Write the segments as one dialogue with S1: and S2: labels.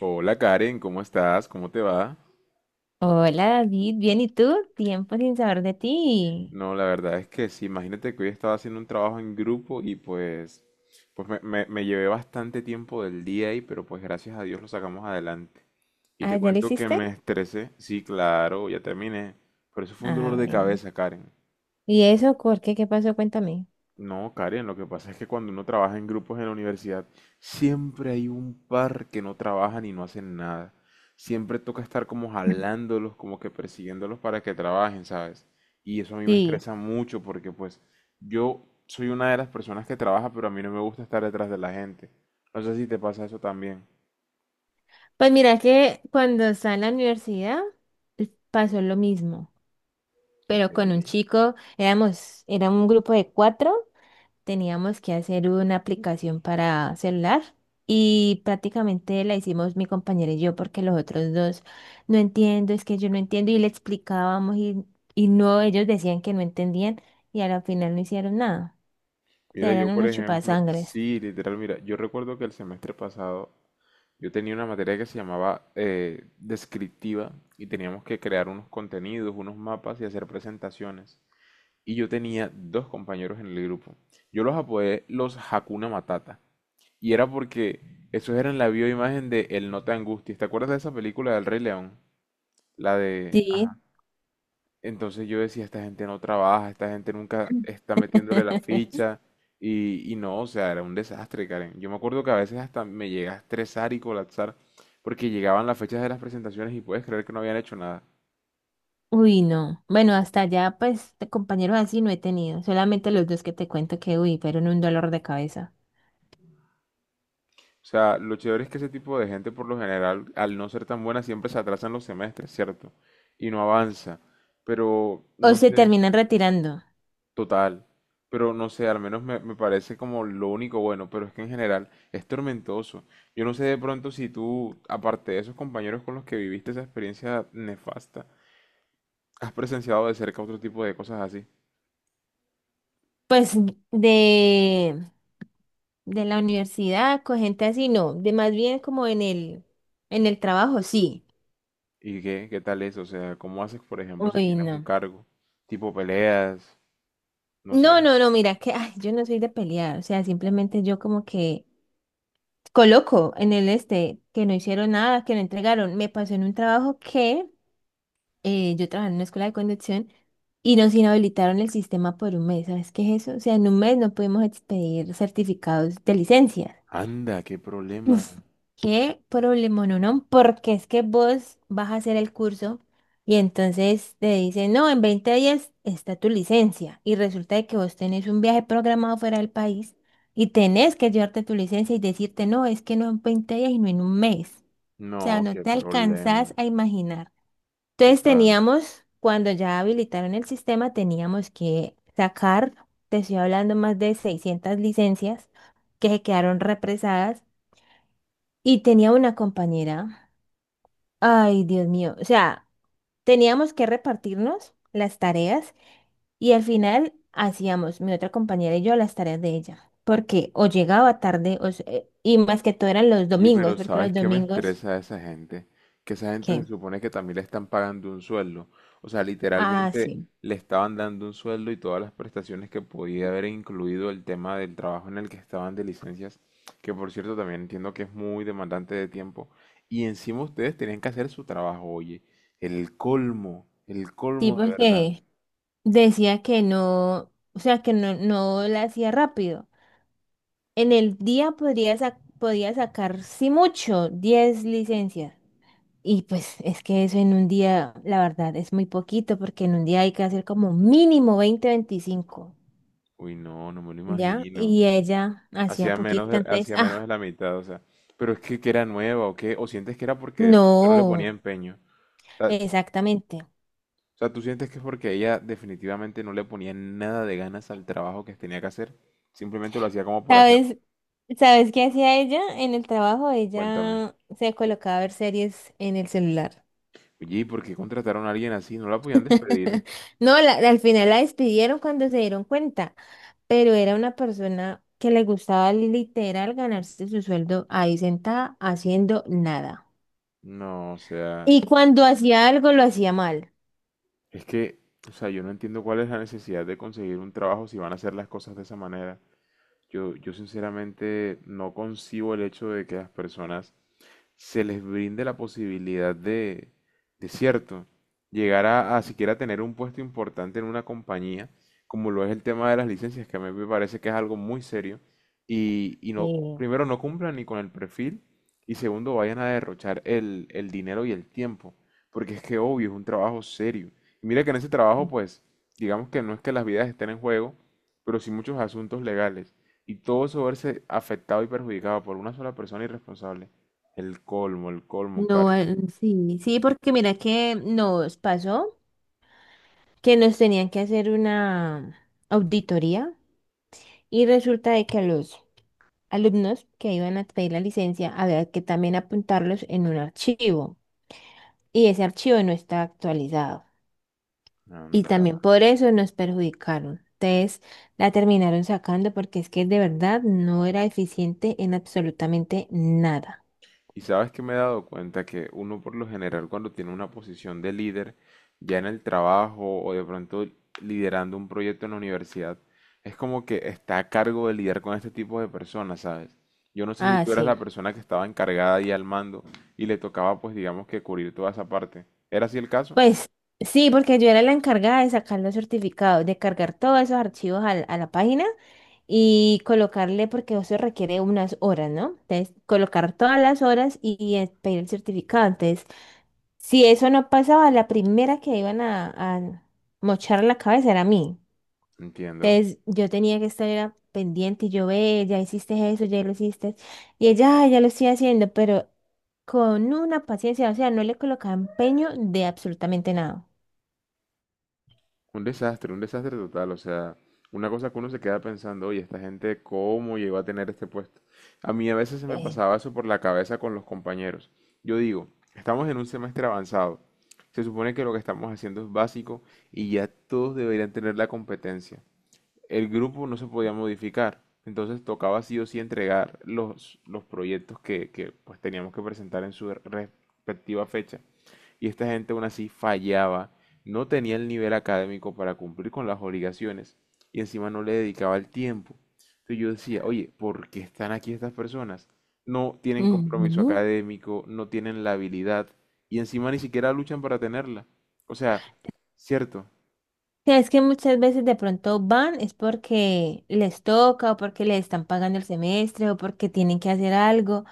S1: Hola Karen, ¿cómo estás? ¿Cómo te va?
S2: Hola David, bien, ¿y tú? Tiempo sin saber de ti.
S1: No, la verdad es que sí, imagínate que hoy estaba haciendo un trabajo en grupo y pues me llevé bastante tiempo del día ahí, pero pues gracias a Dios lo sacamos adelante. Y
S2: Ah,
S1: te
S2: ¿ya lo
S1: cuento que me
S2: hiciste?
S1: estresé, sí, claro, ya terminé, pero eso fue un dolor
S2: Ah,
S1: de
S2: bueno.
S1: cabeza, Karen.
S2: ¿Y eso por qué? ¿Qué pasó? Cuéntame.
S1: No, Karen, lo que pasa es que cuando uno trabaja en grupos en la universidad, siempre hay un par que no trabajan y no hacen nada. Siempre toca estar como jalándolos, como que persiguiéndolos para que trabajen, ¿sabes? Y eso a mí me
S2: Sí.
S1: estresa mucho porque pues yo soy una de las personas que trabaja, pero a mí no me gusta estar detrás de la gente. No sé si te pasa eso también.
S2: Pues mira que cuando estaba en la universidad pasó lo mismo,
S1: Ok.
S2: pero con un chico, era un grupo de cuatro, teníamos que hacer una aplicación para celular y prácticamente la hicimos mi compañera y yo porque los otros dos no entiendo, es que yo no entiendo y le explicábamos y no, ellos decían que no entendían y a la final no hicieron nada. O
S1: Mira,
S2: sea,
S1: yo
S2: eran
S1: por
S2: unos
S1: ejemplo,
S2: chupasangres.
S1: sí, literal, mira, yo recuerdo que el semestre pasado yo tenía una materia que se llamaba descriptiva y teníamos que crear unos contenidos, unos mapas y hacer presentaciones. Y yo tenía dos compañeros en el grupo. Yo los apodé los Hakuna Matata. Y era porque esos eran la bioimagen de El No Te Angusties. ¿Te acuerdas de esa película del Rey León? La de...
S2: Sí.
S1: Ajá. Entonces yo decía, esta gente no trabaja, esta gente nunca está metiéndole la ficha y no, o sea, era un desastre, Karen. Yo me acuerdo que a veces hasta me llega a estresar y colapsar porque llegaban las fechas de las presentaciones y puedes creer que no habían hecho nada.
S2: Uy, no. Bueno, hasta allá, pues, de compañeros así no he tenido. Solamente los dos que te cuento que, uy, fueron un dolor de cabeza.
S1: O sea, lo chévere es que ese tipo de gente por lo general, al no ser tan buena, siempre se atrasan los semestres, ¿cierto? Y no avanza. Pero,
S2: O
S1: no
S2: se
S1: sé.
S2: terminan retirando.
S1: Total, pero no sé, al menos me parece como lo único bueno, pero es que en general es tormentoso. Yo no sé de pronto si tú, aparte de esos compañeros con los que viviste esa experiencia nefasta, has presenciado de cerca otro tipo de cosas así.
S2: Pues de, de la universidad, con gente así, no, de más bien como en el trabajo, sí.
S1: ¿Y qué tal es? O sea, ¿cómo haces, por ejemplo, si
S2: Uy,
S1: tienes un
S2: no.
S1: cargo? Tipo peleas, no
S2: No,
S1: sé.
S2: no, no, mira, que ay, yo no soy de pelear, o sea, simplemente yo como que coloco en el este que no hicieron nada, que no entregaron. Me pasó en un trabajo que yo trabajaba en una escuela de conducción y nos inhabilitaron el sistema por un mes. ¿Sabes qué es eso? O sea, en un mes no pudimos expedir certificados de licencia.
S1: Anda, qué problema.
S2: Uf, qué problema, no, porque es que vos vas a hacer el curso y entonces te dicen, no, en 20 días está tu licencia y resulta de que vos tenés un viaje programado fuera del país y tenés que llevarte tu licencia y decirte, no, es que no en 20 días y no en un mes. O sea,
S1: No,
S2: no
S1: qué
S2: te alcanzás
S1: problema.
S2: a imaginar. Entonces
S1: Total.
S2: teníamos, cuando ya habilitaron el sistema, teníamos que sacar, te estoy hablando, más de 600 licencias que se quedaron represadas, y tenía una compañera. Ay, Dios mío. O sea, teníamos que repartirnos las tareas y al final hacíamos mi otra compañera y yo las tareas de ella, porque o llegaba tarde o se- y más que todo eran los
S1: Oye,
S2: domingos,
S1: pero
S2: porque
S1: ¿sabes
S2: los
S1: qué me
S2: domingos,
S1: estresa de esa gente? Que esa gente se
S2: ¿qué?
S1: supone que también le están pagando un sueldo. O sea,
S2: Ah,
S1: literalmente
S2: sí.
S1: le estaban dando un sueldo y todas las prestaciones que podía haber incluido el tema del trabajo en el que estaban de licencias, que por cierto también entiendo que es muy demandante de tiempo. Y encima ustedes tenían que hacer su trabajo, oye. El
S2: Sí,
S1: colmo de verdad.
S2: porque decía que no, o sea, que no, no la hacía rápido. En el día podría, sa- podía sacar, sí mucho, 10 licencias. Y pues es que eso en un día, la verdad, es muy poquito porque en un día hay que hacer como mínimo 20 25
S1: Uy, no, no me lo
S2: ¿ya?
S1: imagino.
S2: Y ella hacía poquito, entonces,
S1: Hacía menos de
S2: ah,
S1: la mitad, o sea. Pero es que era nueva o qué, o sientes que era porque de pronto no le ponía
S2: no,
S1: empeño. O sea,
S2: exactamente.
S1: tú sientes que es porque ella definitivamente no le ponía nada de ganas al trabajo que tenía que hacer. Simplemente lo hacía como por hacer.
S2: ¿Sabes? ¿Sabes qué hacía ella en el trabajo?
S1: Cuéntame.
S2: Ella se colocaba a ver series en el celular.
S1: Oye, ¿y por qué contrataron a alguien así? ¿No la podían despedir?
S2: No, al final la despidieron cuando se dieron cuenta, pero era una persona que le gustaba literal ganarse su sueldo ahí sentada haciendo nada.
S1: No, o sea,
S2: Y cuando hacía algo lo hacía mal.
S1: es que, o sea, yo no entiendo cuál es la necesidad de conseguir un trabajo si van a hacer las cosas de esa manera. Yo sinceramente no concibo el hecho de que las personas se les brinde la posibilidad de cierto, llegar a siquiera tener un puesto importante en una compañía, como lo es el tema de las licencias, que a mí me parece que es algo muy serio, y no,
S2: Eh,
S1: primero no cumplan ni con el perfil, y segundo vayan a derrochar el dinero y el tiempo, porque es que obvio, es un trabajo serio. Y mira que en ese trabajo, pues, digamos que no es que las vidas estén en juego, pero sí muchos asuntos legales, y todo eso verse afectado y perjudicado por una sola persona irresponsable, el colmo,
S2: No,
S1: Karen.
S2: sí, sí, porque mira que nos pasó que nos tenían que hacer una auditoría y resulta de que a los alumnos que iban a pedir la licencia había que también apuntarlos en un archivo, y ese archivo no está actualizado y
S1: Anda.
S2: también por eso nos perjudicaron. Entonces la terminaron sacando porque es que de verdad no era eficiente en absolutamente nada.
S1: Y sabes que me he dado cuenta que uno por lo general cuando tiene una posición de líder, ya en el trabajo o de pronto liderando un proyecto en la universidad, es como que está a cargo de lidiar con este tipo de personas, ¿sabes? Yo no sé si
S2: Ah,
S1: tú eras
S2: sí.
S1: la persona que estaba encargada y al mando y le tocaba pues digamos que cubrir toda esa parte. ¿Era así el caso?
S2: Pues sí, porque yo era la encargada de sacar los certificados, de cargar todos esos archivos a la página y colocarle, porque eso requiere unas horas, ¿no? Entonces, colocar todas las horas y pedir el certificado. Entonces, si eso no pasaba, la primera que iban a mochar la cabeza era a mí.
S1: Entiendo.
S2: Entonces, yo tenía que estar era pendiente y yo, ve, ya hiciste eso, ya lo hiciste. Y ella, "Ay, ya lo estoy haciendo", pero con una paciencia, o sea, no le colocaba empeño de absolutamente nada.
S1: Un desastre total. O sea, una cosa que uno se queda pensando, oye, esta gente, ¿cómo llegó a tener este puesto? A mí a veces se me pasaba eso por la cabeza con los compañeros. Yo digo, estamos en un semestre avanzado. Se supone que lo que estamos haciendo es básico y ya todos deberían tener la competencia, el grupo no se podía modificar. Entonces tocaba sí o sí entregar los proyectos que pues teníamos que presentar en su respectiva fecha. Y esta gente aún así fallaba, no tenía el nivel académico para cumplir con las obligaciones y encima no le dedicaba el tiempo. Entonces yo decía, oye, ¿por qué están aquí estas personas? No tienen compromiso
S2: Ujú.
S1: académico, no tienen la habilidad y encima ni siquiera luchan para tenerla. O sea, cierto.
S2: Sí, es que muchas veces de pronto van es porque les toca o porque les están pagando el semestre o porque tienen que hacer algo,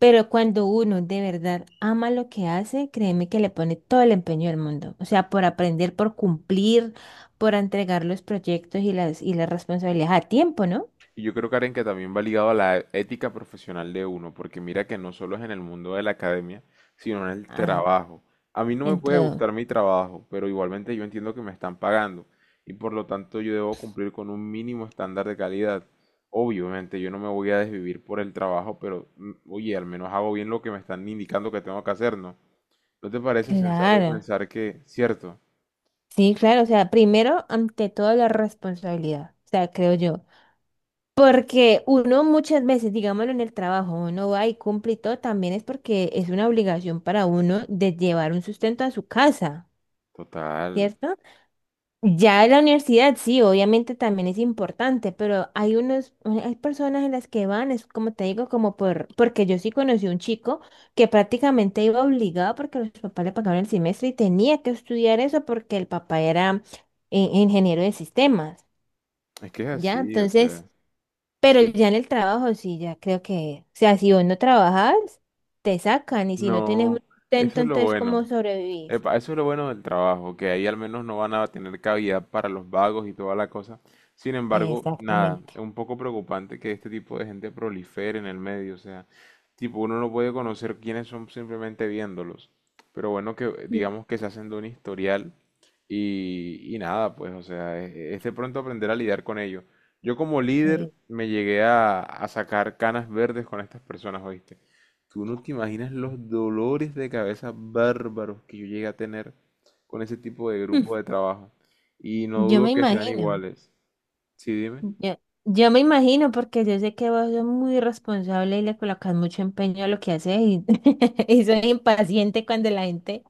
S2: pero cuando uno de verdad ama lo que hace, créeme que le pone todo el empeño del mundo, o sea, por aprender, por cumplir, por entregar los proyectos y las responsabilidades a tiempo, ¿no?
S1: Y yo creo, Karen, que también va ligado a la ética profesional de uno, porque mira que no solo es en el mundo de la academia, sino en el
S2: Ah,
S1: trabajo. A mí no me
S2: en
S1: puede
S2: todo.
S1: gustar mi trabajo, pero igualmente yo entiendo que me están pagando y por lo tanto yo debo cumplir con un mínimo estándar de calidad. Obviamente yo no me voy a desvivir por el trabajo, pero oye, al menos hago bien lo que me están indicando que tengo que hacer, ¿no? ¿No te parece sensato
S2: Claro,
S1: pensar que, cierto?
S2: sí, claro, o sea, primero, ante todo, la responsabilidad, o sea, creo yo. Porque uno muchas veces, digámoslo en el trabajo, uno va y cumple y todo, también es porque es una obligación para uno de llevar un sustento a su casa,
S1: Total,
S2: ¿cierto? Ya en la universidad, sí, obviamente también es importante, pero hay unos, hay personas en las que van, es como te digo, como por, porque yo sí conocí un chico que prácticamente iba obligado porque los papás le pagaban el semestre y tenía que estudiar eso porque el papá era ingeniero de sistemas,
S1: es que es
S2: ¿ya?
S1: así, o sea,
S2: Entonces... Pero
S1: sí.
S2: ya en el trabajo sí, ya creo que, o sea, si vos no trabajas, te sacan, y si no tenés un
S1: No, eso
S2: sustento,
S1: es lo
S2: entonces ¿cómo
S1: bueno.
S2: sobrevivís?
S1: Epa, eso es lo bueno del trabajo, que ahí al menos no van a tener cavidad para los vagos y toda la cosa. Sin embargo, nada,
S2: Exactamente.
S1: es un poco preocupante que este tipo de gente prolifere en el medio, o sea, tipo uno no puede conocer quiénes son simplemente viéndolos. Pero bueno, que
S2: Mm.
S1: digamos que se hacen de un historial y nada, pues, o sea, es de pronto aprender a lidiar con ello. Yo como líder
S2: Eh,
S1: me llegué a sacar canas verdes con estas personas, ¿oíste? Tú no te imaginas los dolores de cabeza bárbaros que yo llegué a tener con ese tipo de
S2: mm,
S1: grupo de trabajo. Y no
S2: yo
S1: dudo
S2: me
S1: que sean
S2: imagino,
S1: iguales. Sí, dime.
S2: yo, yo me imagino porque yo sé que vos sos muy responsable y le colocas mucho empeño a lo que haces y, y soy impaciente cuando la gente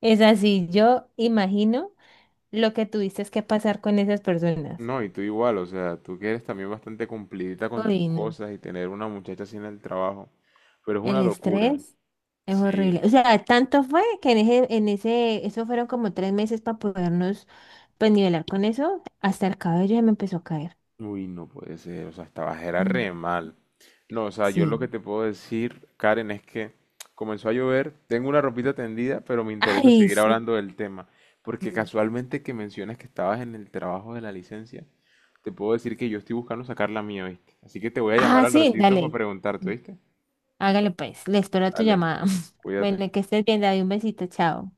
S2: es así. Yo imagino lo que tuviste que pasar con esas personas.
S1: No, y tú igual, o sea, tú que eres también bastante cumplidita con tus
S2: Uy, no.
S1: cosas y tener una muchacha así en el trabajo. Pero es
S2: El
S1: una locura.
S2: estrés es horrible.
S1: Sí.
S2: O sea, tanto fue que eso fueron como 3 meses para podernos, pues, nivelar con eso. Hasta el cabello ya me empezó a caer.
S1: Uy, no puede ser, o sea, estabas era
S2: Mm.
S1: re mal. No, o sea, yo lo que
S2: Sí.
S1: te puedo decir, Karen, es que comenzó a llover, tengo una ropita tendida, pero me interesa
S2: Ay,
S1: seguir
S2: sí.
S1: hablando del tema, porque casualmente que mencionas que estabas en el trabajo de la licencia, te puedo decir que yo estoy buscando sacar la mía, ¿viste? Así que te voy a llamar
S2: Ah,
S1: al
S2: sí,
S1: ratito para
S2: dale.
S1: preguntarte, ¿viste?
S2: Hágale pues. Le espero a tu
S1: Dale,
S2: llamada.
S1: cuídate.
S2: Bueno, que estés bien, David. Un besito, chao.